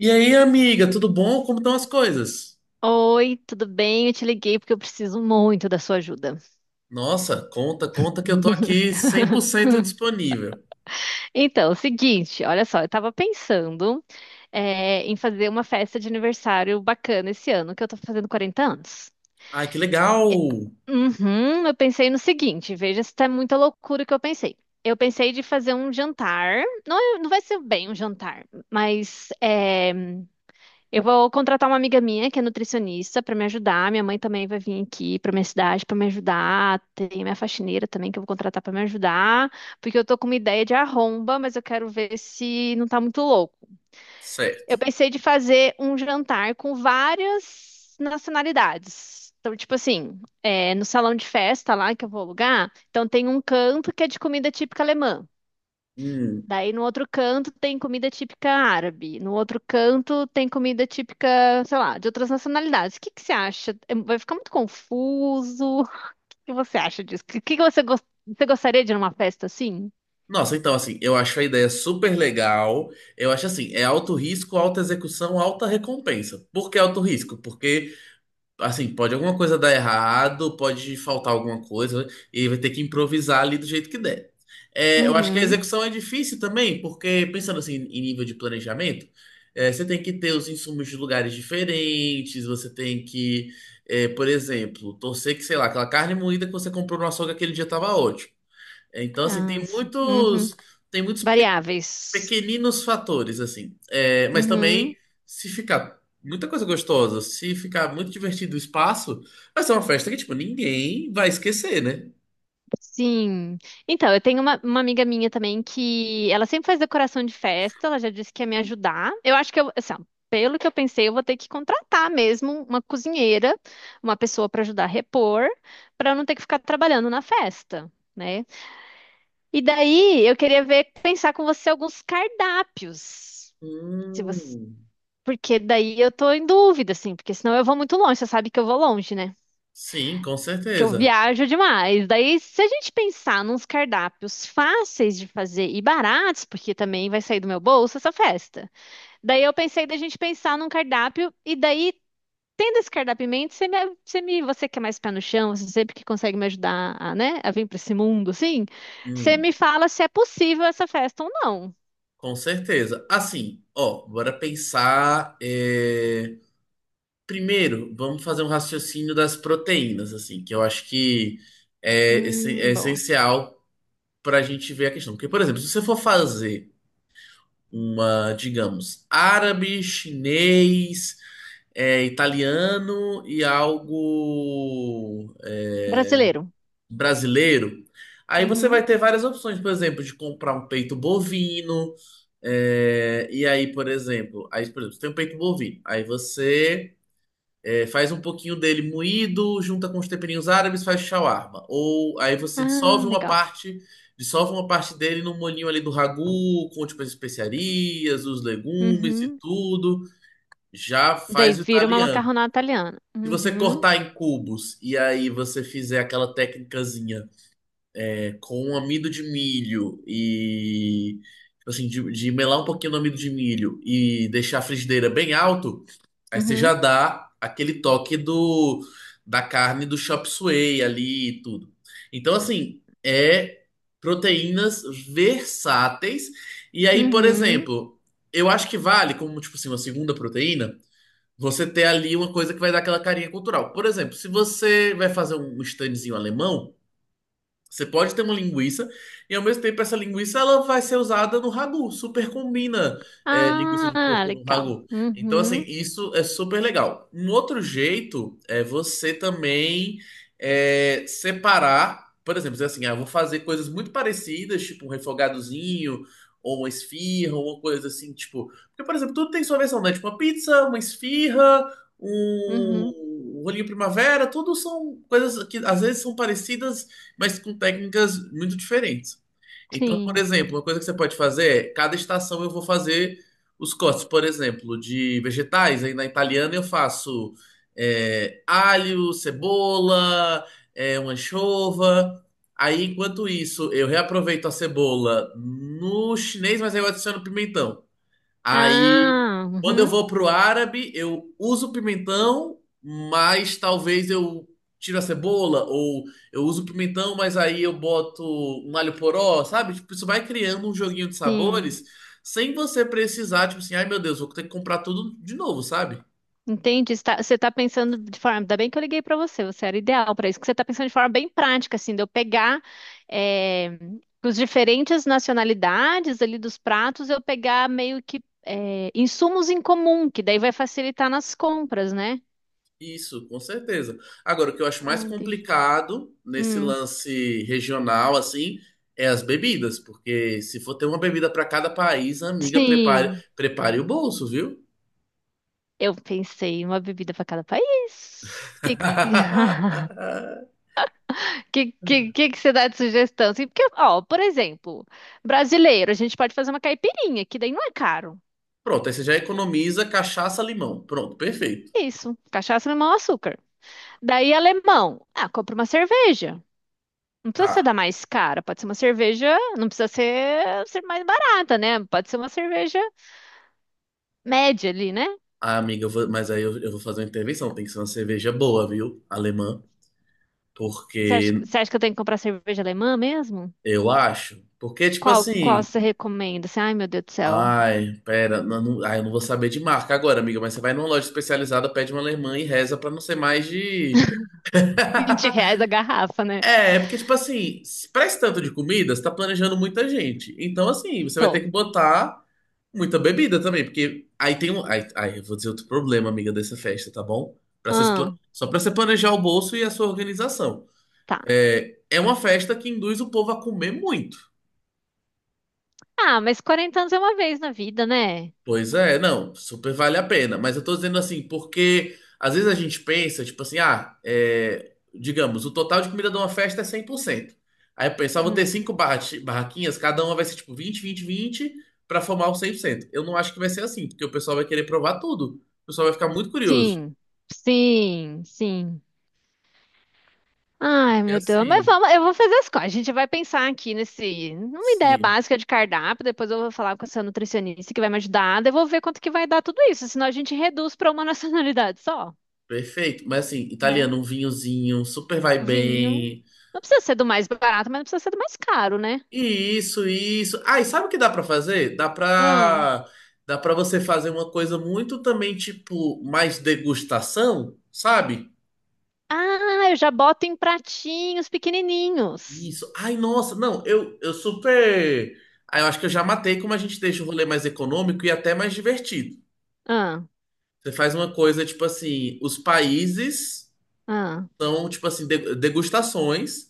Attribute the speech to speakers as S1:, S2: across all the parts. S1: E aí, amiga, tudo bom? Como estão as coisas?
S2: Oi, tudo bem? Eu te liguei porque eu preciso muito da sua ajuda.
S1: Nossa, conta, conta que eu tô aqui 100% disponível.
S2: Então, é o seguinte, olha só, eu tava pensando, em fazer uma festa de aniversário bacana esse ano, que eu tô fazendo 40 anos.
S1: Ai, que legal!
S2: Uhum, eu pensei no seguinte, veja se tá muita loucura o que eu pensei. Eu pensei de fazer um jantar, não, não vai ser bem um jantar, mas eu vou contratar uma amiga minha que é nutricionista para me ajudar. Minha mãe também vai vir aqui para minha cidade para me ajudar. Tem minha faxineira também que eu vou contratar para me ajudar, porque eu tô com uma ideia de arromba, mas eu quero ver se não tá muito louco. Eu
S1: Certo.
S2: pensei de fazer um jantar com várias nacionalidades. Então, tipo assim, no salão de festa lá que eu vou alugar, então tem um canto que é de comida típica alemã.
S1: Hum.
S2: Daí no outro canto tem comida típica árabe, no outro canto tem comida típica, sei lá, de outras nacionalidades. O que que você acha? É, vai ficar muito confuso. O que você acha disso? O que que você gostaria de ir numa festa assim?
S1: Nossa, então, assim, eu acho a ideia super legal. Eu acho assim, é alto risco, alta execução, alta recompensa. Por que alto risco? Porque assim, pode alguma coisa dar errado, pode faltar alguma coisa, e ele vai ter que improvisar ali do jeito que der. Eu acho que a
S2: Uhum.
S1: execução é difícil também, porque pensando assim em nível de planejamento, você tem que ter os insumos de lugares diferentes, você tem que, é, por exemplo, torcer que, sei lá, aquela carne moída que você comprou no açougue aquele dia estava ótimo. Então, assim,
S2: Ah, sim. Uhum.
S1: tem muitos
S2: Variáveis.
S1: pequeninos fatores, assim. É, mas
S2: Uhum.
S1: também, se ficar muita coisa gostosa, se ficar muito divertido o espaço, vai ser uma festa que, tipo, ninguém vai esquecer, né?
S2: Sim. Então, eu tenho uma amiga minha também que ela sempre faz decoração de festa, ela já disse que ia me ajudar. Eu acho que eu, assim, ó, pelo que eu pensei, eu vou ter que contratar mesmo uma cozinheira, uma pessoa para ajudar a repor, para eu não ter que ficar trabalhando na festa, né? E daí eu queria ver, pensar com você alguns cardápios. Se você,
S1: Hum,
S2: porque daí eu tô em dúvida, assim, porque senão eu vou muito longe, você sabe que eu vou longe, né?
S1: sim, com
S2: Que eu
S1: certeza.
S2: viajo demais. Daí, se a gente pensar nos cardápios fáceis de fazer e baratos, porque também vai sair do meu bolso essa festa. Daí eu pensei da gente pensar num cardápio e daí tendo esse cardápio você que é mais pé no chão, você sempre que consegue me ajudar a, né, a vir para esse mundo, assim, você
S1: Hum,
S2: me fala se é possível essa festa ou não.
S1: com certeza. Assim, ó, bora pensar. Primeiro, vamos fazer um raciocínio das proteínas, assim, que eu acho que é
S2: Boa.
S1: essencial para a gente ver a questão. Porque, por exemplo, se você for fazer uma, digamos, árabe, chinês, italiano e algo
S2: Brasileiro.
S1: brasileiro. Aí você
S2: Uhum.
S1: vai ter várias opções, por exemplo, de comprar um peito bovino. Aí, por exemplo, você tem um peito bovino. Aí você faz um pouquinho dele moído, junta com os temperinhos árabes, faz shawarma. Ou aí você
S2: Ah,
S1: dissolve uma
S2: legal.
S1: parte, Dissolve uma parte dele no molhinho ali do ragu, com tipo as especiarias, os legumes e
S2: Uhum.
S1: tudo, já
S2: Daí
S1: faz o
S2: vira uma
S1: italiano.
S2: macarronada italiana.
S1: Se você
S2: Uhum.
S1: cortar em cubos e aí você fizer aquela técnicazinha com amido de milho e tipo assim, de melar um pouquinho no amido de milho e deixar a frigideira bem alto, aí você já
S2: Uhum.
S1: dá aquele toque do da carne do chop suey ali e tudo. Então, assim, é proteínas versáteis. E aí, por
S2: Uhum.
S1: exemplo, eu acho que vale, como tipo assim, uma segunda proteína, você ter ali uma coisa que vai dar aquela carinha cultural. Por exemplo, se você vai fazer um standzinho alemão. Você pode ter uma linguiça e ao mesmo tempo essa linguiça ela vai ser usada no ragu. Super combina, linguiça de
S2: Ah,
S1: porco no
S2: legal.
S1: ragu. Então assim
S2: Uhum,
S1: isso é super legal. Um outro jeito é você também separar, por exemplo, dizer assim, ah, eu vou fazer coisas muito parecidas, tipo um refogadozinho ou uma esfirra, ou uma coisa assim, tipo, porque por exemplo tudo tem sua versão, né? Tipo uma pizza, uma esfirra,
S2: uhum,
S1: um rolinho primavera, tudo são coisas que às vezes são parecidas mas com técnicas muito diferentes. Então, por
S2: sim.
S1: exemplo, uma coisa que você pode fazer é, cada estação eu vou fazer os cortes, por exemplo, de vegetais. Aí na italiana eu faço alho, cebola, uma anchova. Aí, enquanto isso, eu reaproveito a cebola no chinês, mas aí eu adiciono pimentão. Aí,
S2: Ah,
S1: quando eu
S2: uhum,
S1: vou pro árabe, eu uso pimentão, mas talvez eu tiro a cebola, ou eu uso pimentão, mas aí eu boto um alho poró, sabe? Tipo, isso vai criando um joguinho de
S2: sim.
S1: sabores sem você precisar, tipo assim, ai meu Deus, vou ter que comprar tudo de novo, sabe?
S2: Entendi. Está- Você está pensando de forma. Ainda bem que eu liguei para você, você era ideal para isso, que você está pensando de forma bem prática, assim, de eu pegar eh, os diferentes nacionalidades ali dos pratos, eu pegar meio que insumos em comum, que daí vai facilitar nas compras, né?
S1: Isso, com certeza. Agora, o que eu acho mais
S2: Ah, entendi.
S1: complicado nesse
S2: Hum,
S1: lance regional, assim, é as bebidas, porque se for ter uma bebida para cada país, amiga,
S2: sim,
S1: prepare o bolso, viu?
S2: eu pensei em uma bebida para cada país. Que você dá de sugestão? Assim, porque, ó, por exemplo, brasileiro, a gente pode fazer uma caipirinha, que daí não é caro.
S1: Pronto, aí você já economiza cachaça, limão. Pronto, perfeito.
S2: Isso, cachaça, limão, açúcar. Daí, alemão, ah, compra uma cerveja. Não precisa ser
S1: Tá.
S2: da mais cara, pode ser uma cerveja, não precisa ser mais barata, né? Pode ser uma cerveja média ali, né?
S1: Ah, amiga, mas aí eu vou fazer uma intervenção. Tem que ser uma cerveja boa, viu? Alemã. Porque
S2: Você acha que eu tenho que comprar cerveja alemã mesmo?
S1: eu acho. Porque, tipo
S2: Qual
S1: assim.
S2: você recomenda? Assim, ai, meu Deus do céu,
S1: Ai, pera. Eu não vou saber de marca agora, amiga. Mas você vai numa loja especializada, pede uma alemã e reza pra não ser mais de.
S2: R$ 20 a garrafa, né?
S1: É, porque, tipo assim, pra esse tanto de comida, você tá planejando muita gente. Então, assim, você vai ter
S2: Tô.
S1: que botar. Muita bebida também, porque aí tem um. Aí, eu vou dizer outro problema, amiga, dessa festa, tá bom? Pra você, se pla-
S2: Ah,
S1: só pra você planejar o bolso e a sua organização.
S2: tá.
S1: É, é uma festa que induz o povo a comer muito.
S2: Ah, mas 40 anos é uma vez na vida, né?
S1: Pois é, não, super vale a pena. Mas eu tô dizendo assim, porque às vezes a gente pensa, tipo assim, ah, é, digamos, o total de comida de uma festa é cem por cento. Aí eu penso, ah, vou ter
S2: Hum,
S1: cinco barraquinhas, cada uma vai ser tipo 20 20 20 pra formar o cem por cento. Eu não acho que vai ser assim, porque o pessoal vai querer provar tudo. O pessoal vai ficar muito curioso.
S2: Sim, sim. Ai,
S1: E
S2: meu Deus, mas
S1: assim,
S2: vamos, eu vou fazer as coisas. A gente vai pensar aqui nesse, numa ideia
S1: sim,
S2: básica de cardápio, depois eu vou falar com essa nutricionista que vai me ajudar, daí eu vou ver quanto que vai dar tudo isso, senão a gente reduz para uma nacionalidade só,
S1: perfeito. Mas assim,
S2: né?
S1: italiano, um vinhozinho, super vai
S2: Vinho.
S1: bem.
S2: Não precisa ser do mais barato, mas não precisa ser do mais caro, né?
S1: E isso, isso. Ah, e sabe o que dá pra fazer?
S2: Ah,
S1: Dá pra você fazer uma coisa muito também, tipo, mais degustação, sabe?
S2: eu já boto em pratinhos pequenininhos.
S1: Isso. Ai, nossa, não, eu super. Ah, eu acho que eu já matei como a gente deixa o rolê mais econômico e até mais divertido.
S2: Ah,
S1: Você faz uma coisa, tipo assim, os países
S2: ah,
S1: são, tipo assim, degustações.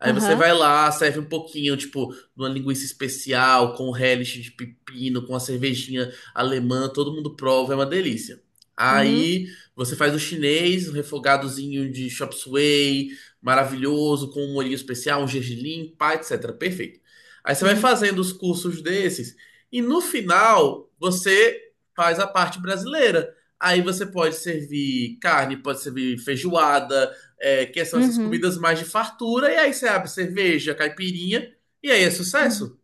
S1: Aí você
S2: aham,
S1: vai lá, serve um pouquinho, tipo, de uma linguiça especial, com relish de pepino, com a cervejinha alemã, todo mundo prova, é uma delícia.
S2: uhum,
S1: Aí você faz o chinês, um refogadozinho de chop suey, maravilhoso, com um molhinho especial, um gergelim, pá, etc. Perfeito. Aí você vai
S2: uhum,
S1: fazendo os cursos desses, e no final você faz a parte brasileira. Aí você pode servir carne, pode servir feijoada, que são essas
S2: uhum,
S1: comidas mais de fartura, e aí você abre cerveja, caipirinha, e aí é
S2: uhum.
S1: sucesso.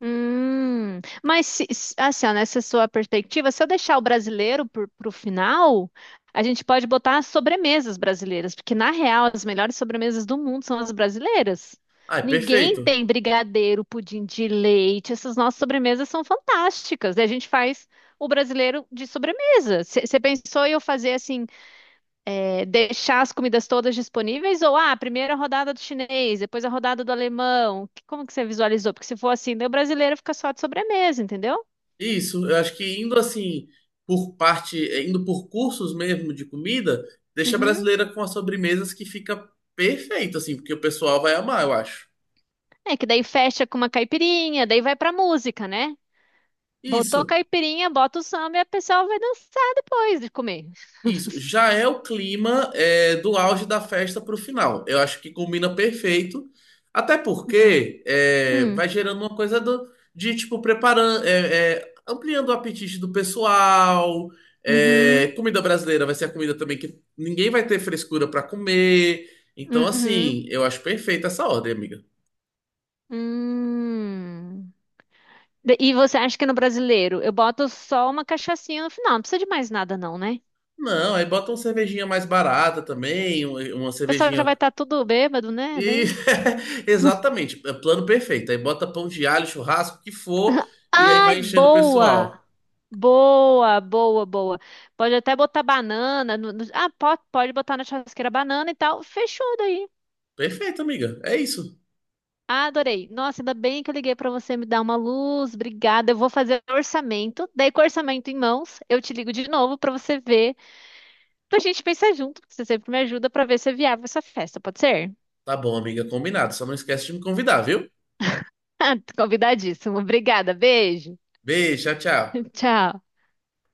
S2: Mas assim, ó, nessa sua perspectiva, se eu deixar o brasileiro para o final, a gente pode botar as sobremesas brasileiras, porque na real as melhores sobremesas do mundo são as brasileiras.
S1: Ah, é
S2: Ninguém
S1: perfeito.
S2: tem brigadeiro, pudim de leite, essas nossas sobremesas são fantásticas. E a gente faz o brasileiro de sobremesa. Você pensou em eu fazer assim? É, deixar as comidas todas disponíveis ou ah, primeiro a rodada do chinês, depois a rodada do alemão? Como que você visualizou? Porque se for assim, daí o brasileiro fica só de sobremesa, entendeu?
S1: Isso, eu acho que indo assim, por parte, indo por cursos mesmo de comida, deixa a
S2: Uhum.
S1: brasileira com as sobremesas que fica perfeito, assim, porque o pessoal vai amar, eu acho.
S2: É que daí fecha com uma caipirinha, daí vai pra música, né? Botou
S1: Isso.
S2: caipirinha, bota o samba e a pessoa vai dançar depois de comer.
S1: Isso, já é o clima do auge da festa para o final. Eu acho que combina perfeito, até
S2: Hum.
S1: porque é,
S2: Hum.
S1: vai gerando uma coisa de tipo preparando, ampliando o apetite do pessoal. É,
S2: Uhum.
S1: comida brasileira vai ser a comida também que ninguém vai ter frescura para comer. Então,
S2: Uhum.
S1: assim, eu acho perfeita essa ordem, amiga.
S2: Hum. E você acha que no brasileiro eu boto só uma cachaçinha no final? Não precisa de mais nada, não, né?
S1: Não, aí bota uma cervejinha mais barata também, uma
S2: O pessoal já vai
S1: cervejinha.
S2: estar tudo bêbado, né?
S1: E
S2: Daí.
S1: exatamente, é plano perfeito. Aí bota pão de alho, churrasco, o que for, e aí
S2: Ai,
S1: vai enchendo o
S2: boa!
S1: pessoal.
S2: Boa, boa, boa. Pode até botar banana. Ah, pode botar na churrasqueira banana e tal. Fechou daí.
S1: Perfeito, amiga. É isso.
S2: Ah, adorei. Nossa, ainda bem que eu liguei pra você me dar uma luz. Obrigada. Eu vou fazer orçamento. Daí, com o orçamento em mãos, eu te ligo de novo pra você ver. Pra gente pensar junto, porque você sempre me ajuda pra ver se é viável essa festa, pode ser?
S1: Tá bom, amiga, combinado. Só não esquece de me convidar, viu?
S2: Convidadíssimo. Obrigada. Beijo.
S1: Beijo, tchau, tchau.
S2: Tchau.